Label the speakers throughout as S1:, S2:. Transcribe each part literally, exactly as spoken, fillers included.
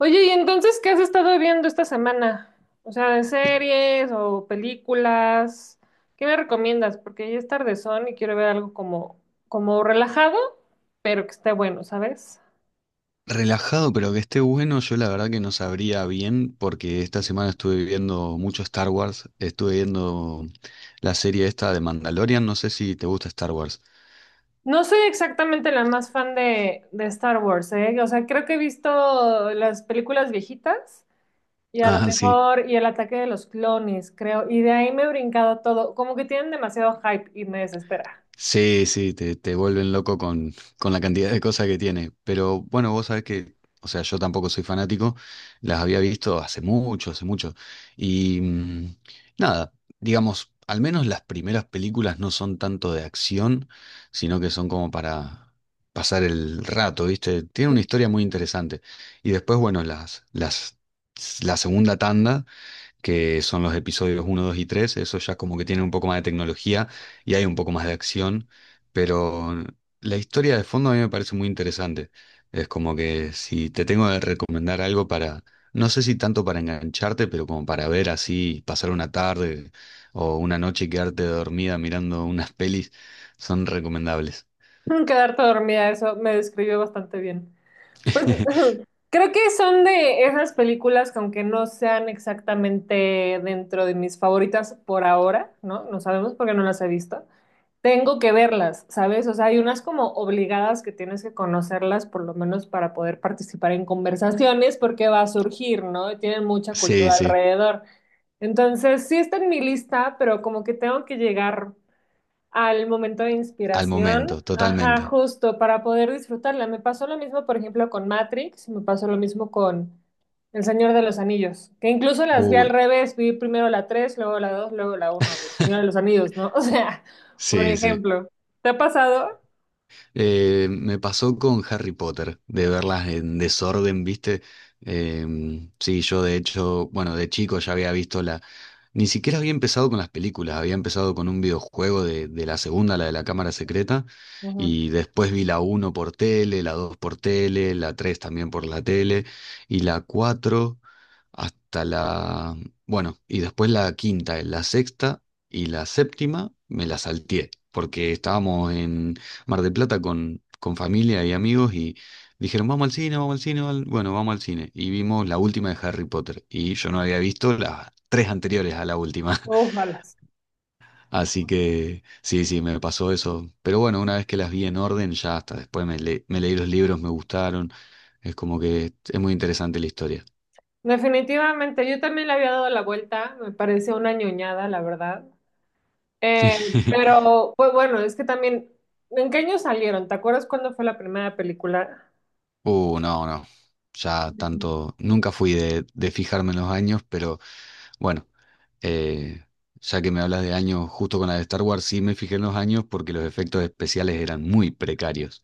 S1: Oye, ¿y entonces qué has estado viendo esta semana? O sea, de series o películas. ¿Qué me recomiendas? Porque ya es tardezón y quiero ver algo como, como relajado, pero que esté bueno, ¿sabes?
S2: Relajado, pero que esté bueno, yo la verdad que no sabría bien, porque esta semana estuve viendo mucho Star Wars, estuve viendo la serie esta de Mandalorian, no sé si te gusta Star Wars.
S1: No soy exactamente la más fan de, de Star Wars, ¿eh? O sea, creo que he visto las películas viejitas y a lo
S2: Ah, sí.
S1: mejor y el ataque de los clones, creo. Y de ahí me he brincado todo. Como que tienen demasiado hype y me desespera.
S2: Sí, sí, te, te vuelven loco con, con la cantidad de cosas que tiene. Pero bueno, vos sabés que, o sea, yo tampoco soy fanático, las había visto hace mucho, hace mucho. Y mm, nada, digamos, al menos las primeras películas no son tanto de acción, sino que son como para pasar el rato, ¿viste? Tiene una historia muy interesante. Y después, bueno, las, las, la segunda tanda que son los episodios uno, dos y tres. Eso ya como que tiene un poco más de tecnología y hay un poco más de acción, pero la historia de fondo a mí me parece muy interesante. Es como que si te tengo que recomendar algo para, no sé si tanto para engancharte, pero como para ver así, pasar una tarde o una noche y quedarte dormida mirando unas pelis, son recomendables.
S1: Quedarte dormida, eso me describió bastante bien. Pues ujú, creo que son de esas películas que aunque no sean exactamente dentro de mis favoritas por ahora, ¿no? No sabemos porque no las he visto. Tengo que verlas, ¿sabes? O sea, hay unas como obligadas que tienes que conocerlas por lo menos para poder participar en conversaciones porque va a surgir, ¿no? Y tienen mucha cultura
S2: Sí, sí,
S1: alrededor. Entonces, sí está en mi lista, pero como que tengo que llegar al momento de
S2: al
S1: inspiración,
S2: momento,
S1: ajá,
S2: totalmente.
S1: justo para poder disfrutarla. Me pasó lo mismo, por ejemplo, con Matrix, me pasó lo mismo con El Señor de los Anillos, que incluso las vi al
S2: Uy,
S1: revés, vi primero la tres, luego la dos, luego la uno. El Señor de los Anillos, ¿no? O sea, por
S2: sí, sí.
S1: ejemplo, ¿te ha pasado?
S2: Eh, me pasó con Harry Potter, de verlas en desorden, ¿viste? Em, sí, yo de hecho, bueno, de chico ya había visto la... Ni siquiera había empezado con las películas, había empezado con un videojuego de, de, la segunda, la de la cámara secreta,
S1: Ujú.
S2: y después vi la uno por tele, la dos por tele, la tres también por la tele, y la cuatro hasta la... Bueno, y después la quinta, la sexta y la séptima me la salteé, porque estábamos en Mar del Plata con, con familia y amigos y dijeron, vamos al cine, vamos al cine, vamos bueno, vamos al cine. Y vimos la última de Harry Potter y yo no había visto las tres anteriores a la última.
S1: Ojalá.
S2: Así que sí, sí, me pasó eso. Pero bueno, una vez que las vi en orden, ya hasta después me, le- me leí los libros, me gustaron. Es como que es muy interesante la historia.
S1: Definitivamente, yo también le había dado la vuelta, me parece una ñoñada, la verdad. Eh, pero, pues bueno, es que también, ¿en qué año salieron? ¿Te acuerdas cuándo fue la primera película?
S2: Uh, no, no. Ya tanto, nunca fui de, de fijarme en los años, pero bueno, eh, ya que me hablas de años justo con la de Star Wars, sí me fijé en los años porque los efectos especiales eran muy precarios.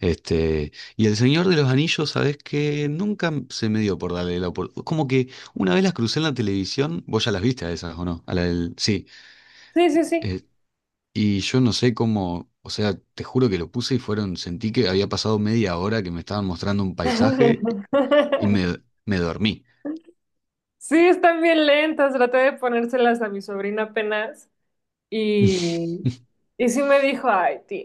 S2: Este, y El Señor de los Anillos, sabes que nunca se me dio por darle la oportunidad. Como que una vez las crucé en la televisión, vos ya las viste a esas, ¿o no? A la del- sí.
S1: Sí, sí, sí.
S2: Eh, y yo no sé cómo, o sea, te juro que lo puse y fueron, sentí que había pasado media hora que me estaban mostrando un paisaje y me, me dormí.
S1: Sí, están bien lentas. Traté de ponérselas a mi sobrina apenas y, y sí me dijo, ay, tía,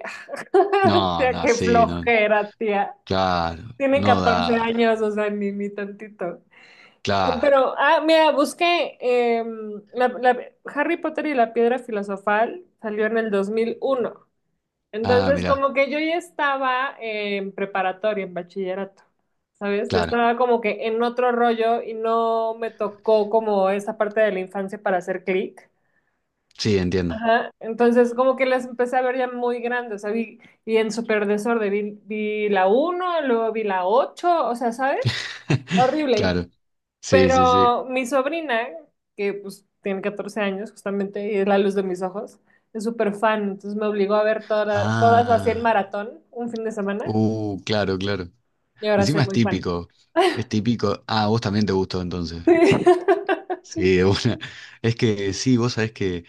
S1: tía,
S2: No, no,
S1: qué
S2: sí, no.
S1: flojera, tía.
S2: Claro,
S1: Tiene
S2: no
S1: catorce años,
S2: da.
S1: o sea, ni, ni tantito.
S2: Claro.
S1: Pero, ah, mira, busqué em, la- la- Harry Potter y la Piedra Filosofal, salió en el dos mil uno.
S2: Ah,
S1: Entonces,
S2: mirá,
S1: como que yo ya estaba en preparatoria, en bachillerato, ¿sabes? Yo
S2: claro.
S1: estaba como que en otro rollo y no me tocó como esa parte de la infancia para hacer clic.
S2: Sí, entiendo.
S1: Ajá. Entonces, como que las empecé a ver ya muy grandes, o sea, vi, vi en súper desorden, vi, vi la uno, luego vi la ocho, o sea, ¿sabes? Horrible.
S2: Claro. Sí, sí, sí.
S1: Pero mi sobrina, que pues tiene catorce años justamente y es la luz de mis ojos, es súper fan, entonces me obligó a ver toda- todas las cien
S2: Ah.
S1: maratón un fin de semana
S2: Uh, claro, claro.
S1: y ahora soy
S2: Encima es
S1: muy fan.
S2: típico. Es típico. Ah, vos también te gustó entonces. Sí, de una. Es que sí, vos sabés que,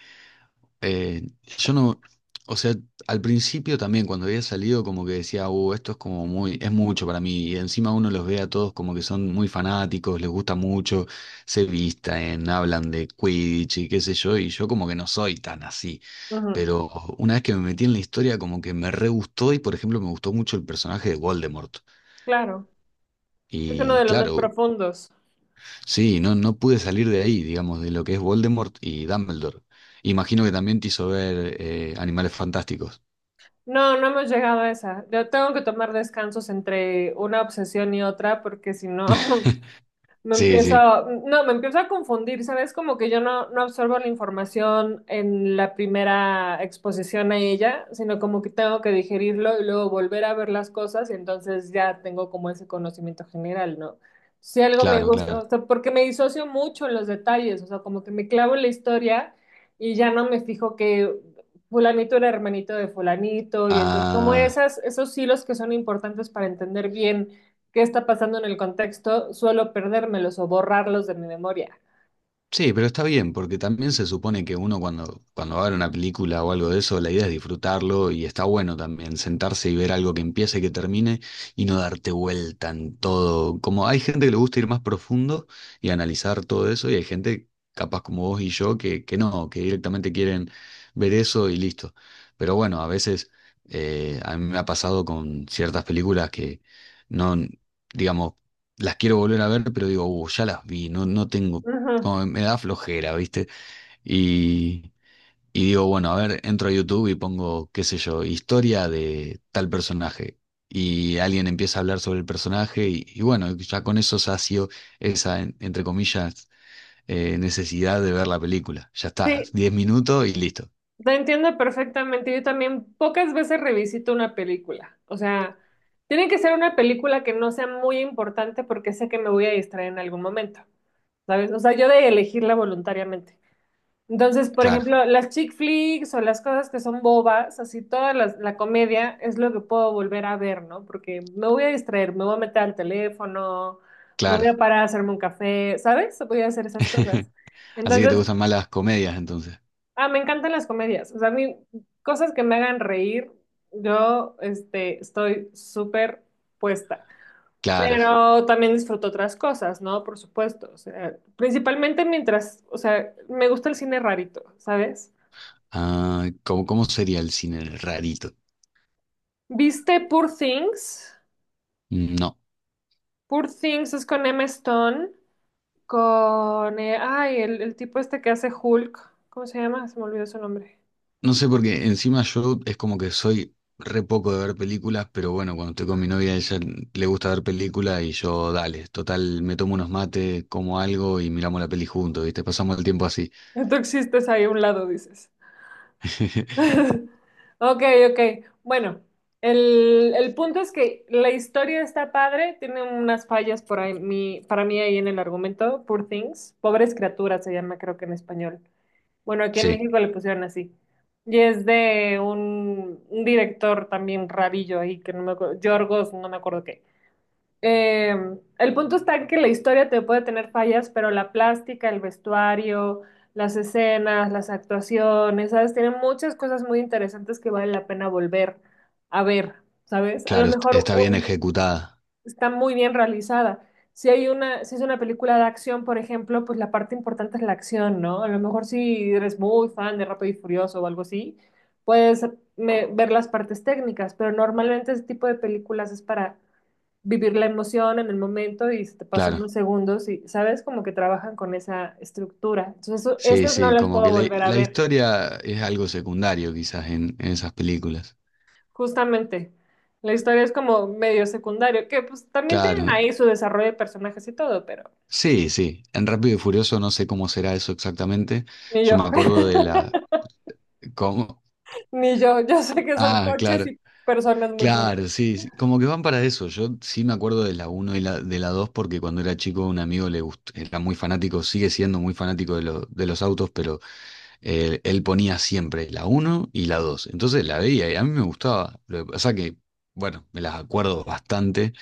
S2: Eh, yo no, o sea, al principio también cuando había salido como que decía, uh, esto es como muy, es mucho para mí, y encima uno los ve a todos como que son muy fanáticos, les gusta mucho, se visten, hablan de Quidditch y qué sé yo, y yo como que no soy tan así,
S1: Sí. Ujú,
S2: pero una vez que me metí en la historia como que me re gustó y por ejemplo me gustó mucho el personaje de Voldemort,
S1: claro, es uno
S2: y
S1: de los más
S2: claro,
S1: profundos.
S2: sí, no, no pude salir de ahí, digamos, de lo que es Voldemort y Dumbledore. Imagino que también te hizo ver eh, Animales Fantásticos.
S1: No, no hemos llegado a esa. Yo tengo que tomar descansos entre una obsesión y otra porque si no, me
S2: Sí, sí,
S1: empieza, no, me empieza a confundir, ¿sabes? Como que yo no, no absorbo la información en la primera exposición a ella, sino como que tengo que digerirlo y luego volver a ver las cosas y entonces ya tengo como ese conocimiento general, ¿no? Si algo me
S2: claro,
S1: gusta,
S2: claro.
S1: o sea, porque me disocio mucho en los detalles, o sea, como que me clavo en la historia y ya no me fijo que fulanito era hermanito de fulanito y entonces como
S2: Ah,
S1: esas, esos hilos que son importantes para entender bien qué está pasando en el contexto, suelo perdérmelos o borrarlos de mi memoria.
S2: sí, pero está bien, porque también se supone que uno cuando, cuando, va a ver una película o algo de eso, la idea es disfrutarlo y está bueno también sentarse y ver algo que empiece y que termine y no darte vuelta en todo. Como hay gente que le gusta ir más profundo y analizar todo eso y hay gente capaz como vos y yo que, que no, que directamente quieren ver eso y listo. Pero bueno, a veces eh, a mí me ha pasado con ciertas películas que no, digamos, las quiero volver a ver, pero digo, "Uh, ya las vi, no, no tengo,
S1: Ujú.
S2: como me da flojera, ¿viste? Y, y digo, bueno, a ver, entro a YouTube y pongo, qué sé yo, historia de tal personaje. Y alguien empieza a hablar sobre el personaje y, y bueno, ya con eso sacio esa, en- entre comillas, eh, necesidad de ver la película. Ya está,
S1: Sí,
S2: diez minutos y listo.
S1: te entiendo perfectamente. Yo también pocas veces revisito una película. O sea, tiene que ser una película que no sea muy importante porque sé que me voy a distraer en algún momento, ¿sabes? O sea, yo de elegirla voluntariamente. Entonces, por
S2: Claro,
S1: ejemplo, las chick flicks o las cosas que son bobas, así toda la, la comedia es lo que puedo volver a ver, ¿no? Porque me voy a distraer, me voy a meter al teléfono, me
S2: claro.
S1: voy a parar a hacerme un café, ¿sabes? Voy a hacer esas cosas.
S2: Así que te
S1: Entonces,
S2: gustan más las comedias entonces.
S1: ah, me encantan las comedias. O sea, a mí, cosas que me hagan reír, yo, este, estoy súper puesta.
S2: Claro.
S1: Pero también disfruto otras cosas, ¿no? Por supuesto. O sea, principalmente mientras, o sea, me gusta el cine rarito, ¿sabes?
S2: Ah, ¿cómo, cómo sería el cine rarito?
S1: ¿Viste Poor Things?
S2: No.
S1: Poor Things es con Emma Stone, con... eh, ay, el, el tipo este que hace Hulk. ¿Cómo se llama? Se me olvidó su nombre.
S2: No sé, porque encima yo es como que soy re poco de ver películas, pero bueno, cuando estoy con mi novia, ella le gusta ver películas y yo, dale, total, me tomo unos mates, como algo y miramos la peli juntos, ¿viste? Pasamos el tiempo así.
S1: Tú existes ahí a un lado, dices. Ok, ok. Bueno, el, el punto es que la historia está padre, tiene unas fallas por ahí, mi- para mí ahí en el argumento, Poor Things. Pobres criaturas se llama creo que en español. Bueno, aquí en
S2: Sí,
S1: México le pusieron así. Y es de un, un director también rabillo ahí, que no me acuerdo, Yorgos, no me acuerdo qué. Eh, el punto está en que la historia te puede tener fallas, pero la plástica, el vestuario, las escenas, las actuaciones, ¿sabes? Tiene muchas cosas muy interesantes que vale la pena volver a ver, ¿sabes? A lo
S2: claro, est-
S1: mejor
S2: está bien
S1: un,
S2: ejecutada,
S1: está muy bien realizada. Si hay una, si es una película de acción, por ejemplo, pues la parte importante es la acción, ¿no? A lo mejor si eres muy fan de Rápido y Furioso o algo así, puedes me- ver las partes técnicas, pero normalmente ese tipo de películas es para vivir la emoción en el momento y se te pasan
S2: claro.
S1: unos segundos y, ¿sabes? Como que trabajan con esa estructura. Entonces, eso-
S2: Sí,
S1: esas no
S2: sí,
S1: las
S2: como
S1: puedo
S2: que la,
S1: volver a
S2: la
S1: ver,
S2: historia es algo secundario quizás en, en, esas películas.
S1: justamente. La historia es como medio secundario, que pues también tienen
S2: Claro,
S1: ahí su desarrollo de personajes y todo, pero...
S2: sí, sí. En Rápido y Furioso no sé cómo será eso exactamente.
S1: Ni
S2: Yo
S1: yo,
S2: me acuerdo de la... ¿Cómo?
S1: ni yo. Yo sé que son
S2: Ah,
S1: coches
S2: claro.
S1: y personas muy
S2: Claro,
S1: fuertes.
S2: sí, sí, como que van para eso. Yo sí me acuerdo de la uno y la, de la dos porque cuando era chico un amigo le gust- era muy fanático, sigue siendo muy fanático de, lo- de los autos, pero eh, él ponía siempre la uno y la dos. Entonces la veía y a mí me gustaba. Lo que pasa que, bueno, me las acuerdo bastante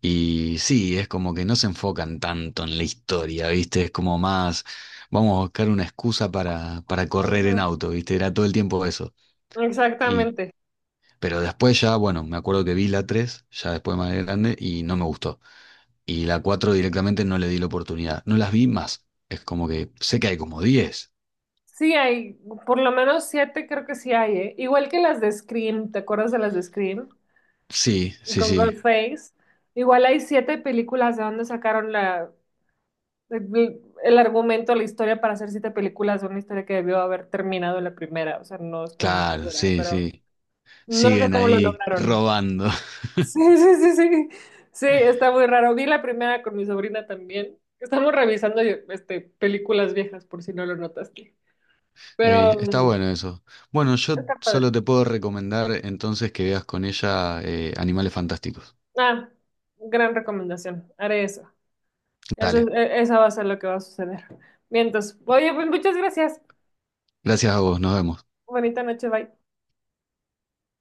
S2: y sí, es como que no se enfocan tanto en la historia, ¿viste? Es como más, vamos a buscar una excusa para, para, correr en
S1: Ujú,
S2: auto, ¿viste? Era todo el tiempo eso.
S1: exactamente.
S2: Pero después ya, bueno, me acuerdo que vi la tres ya después más grande, y no me gustó. Y la cuatro directamente no le di la oportunidad. No las vi más. Es como que sé que hay como diez.
S1: Sí hay, por lo menos siete creo que sí hay, ¿eh? Igual que las de Scream, ¿te acuerdas de las de Scream?
S2: Sí, sí,
S1: Con
S2: sí.
S1: Ghostface. Igual hay siete películas de donde sacaron la, el, el argumento, la historia para hacer siete películas de una historia que debió haber terminado en la primera. O sea, no estoy muy
S2: Claro,
S1: segura,
S2: sí,
S1: pero
S2: sí.
S1: no sé
S2: Siguen
S1: cómo lo
S2: ahí
S1: lograron.
S2: robando.
S1: Sí, sí, sí, sí. Sí, está muy raro. Vi la primera con mi sobrina también. Estamos revisando este, películas viejas, por si no lo notaste.
S2: Eh,
S1: Pero
S2: está
S1: mm,
S2: bueno eso. Bueno, yo
S1: está
S2: solo
S1: padre.
S2: te puedo recomendar entonces que veas con ella eh, Animales Fantásticos.
S1: Ah, gran recomendación. Haré eso. Eso,
S2: Dale.
S1: e- esa va a ser lo que va a suceder. Bien, entonces, oye, pues muchas gracias.
S2: Gracias a vos, nos vemos.
S1: Bonita noche, bye.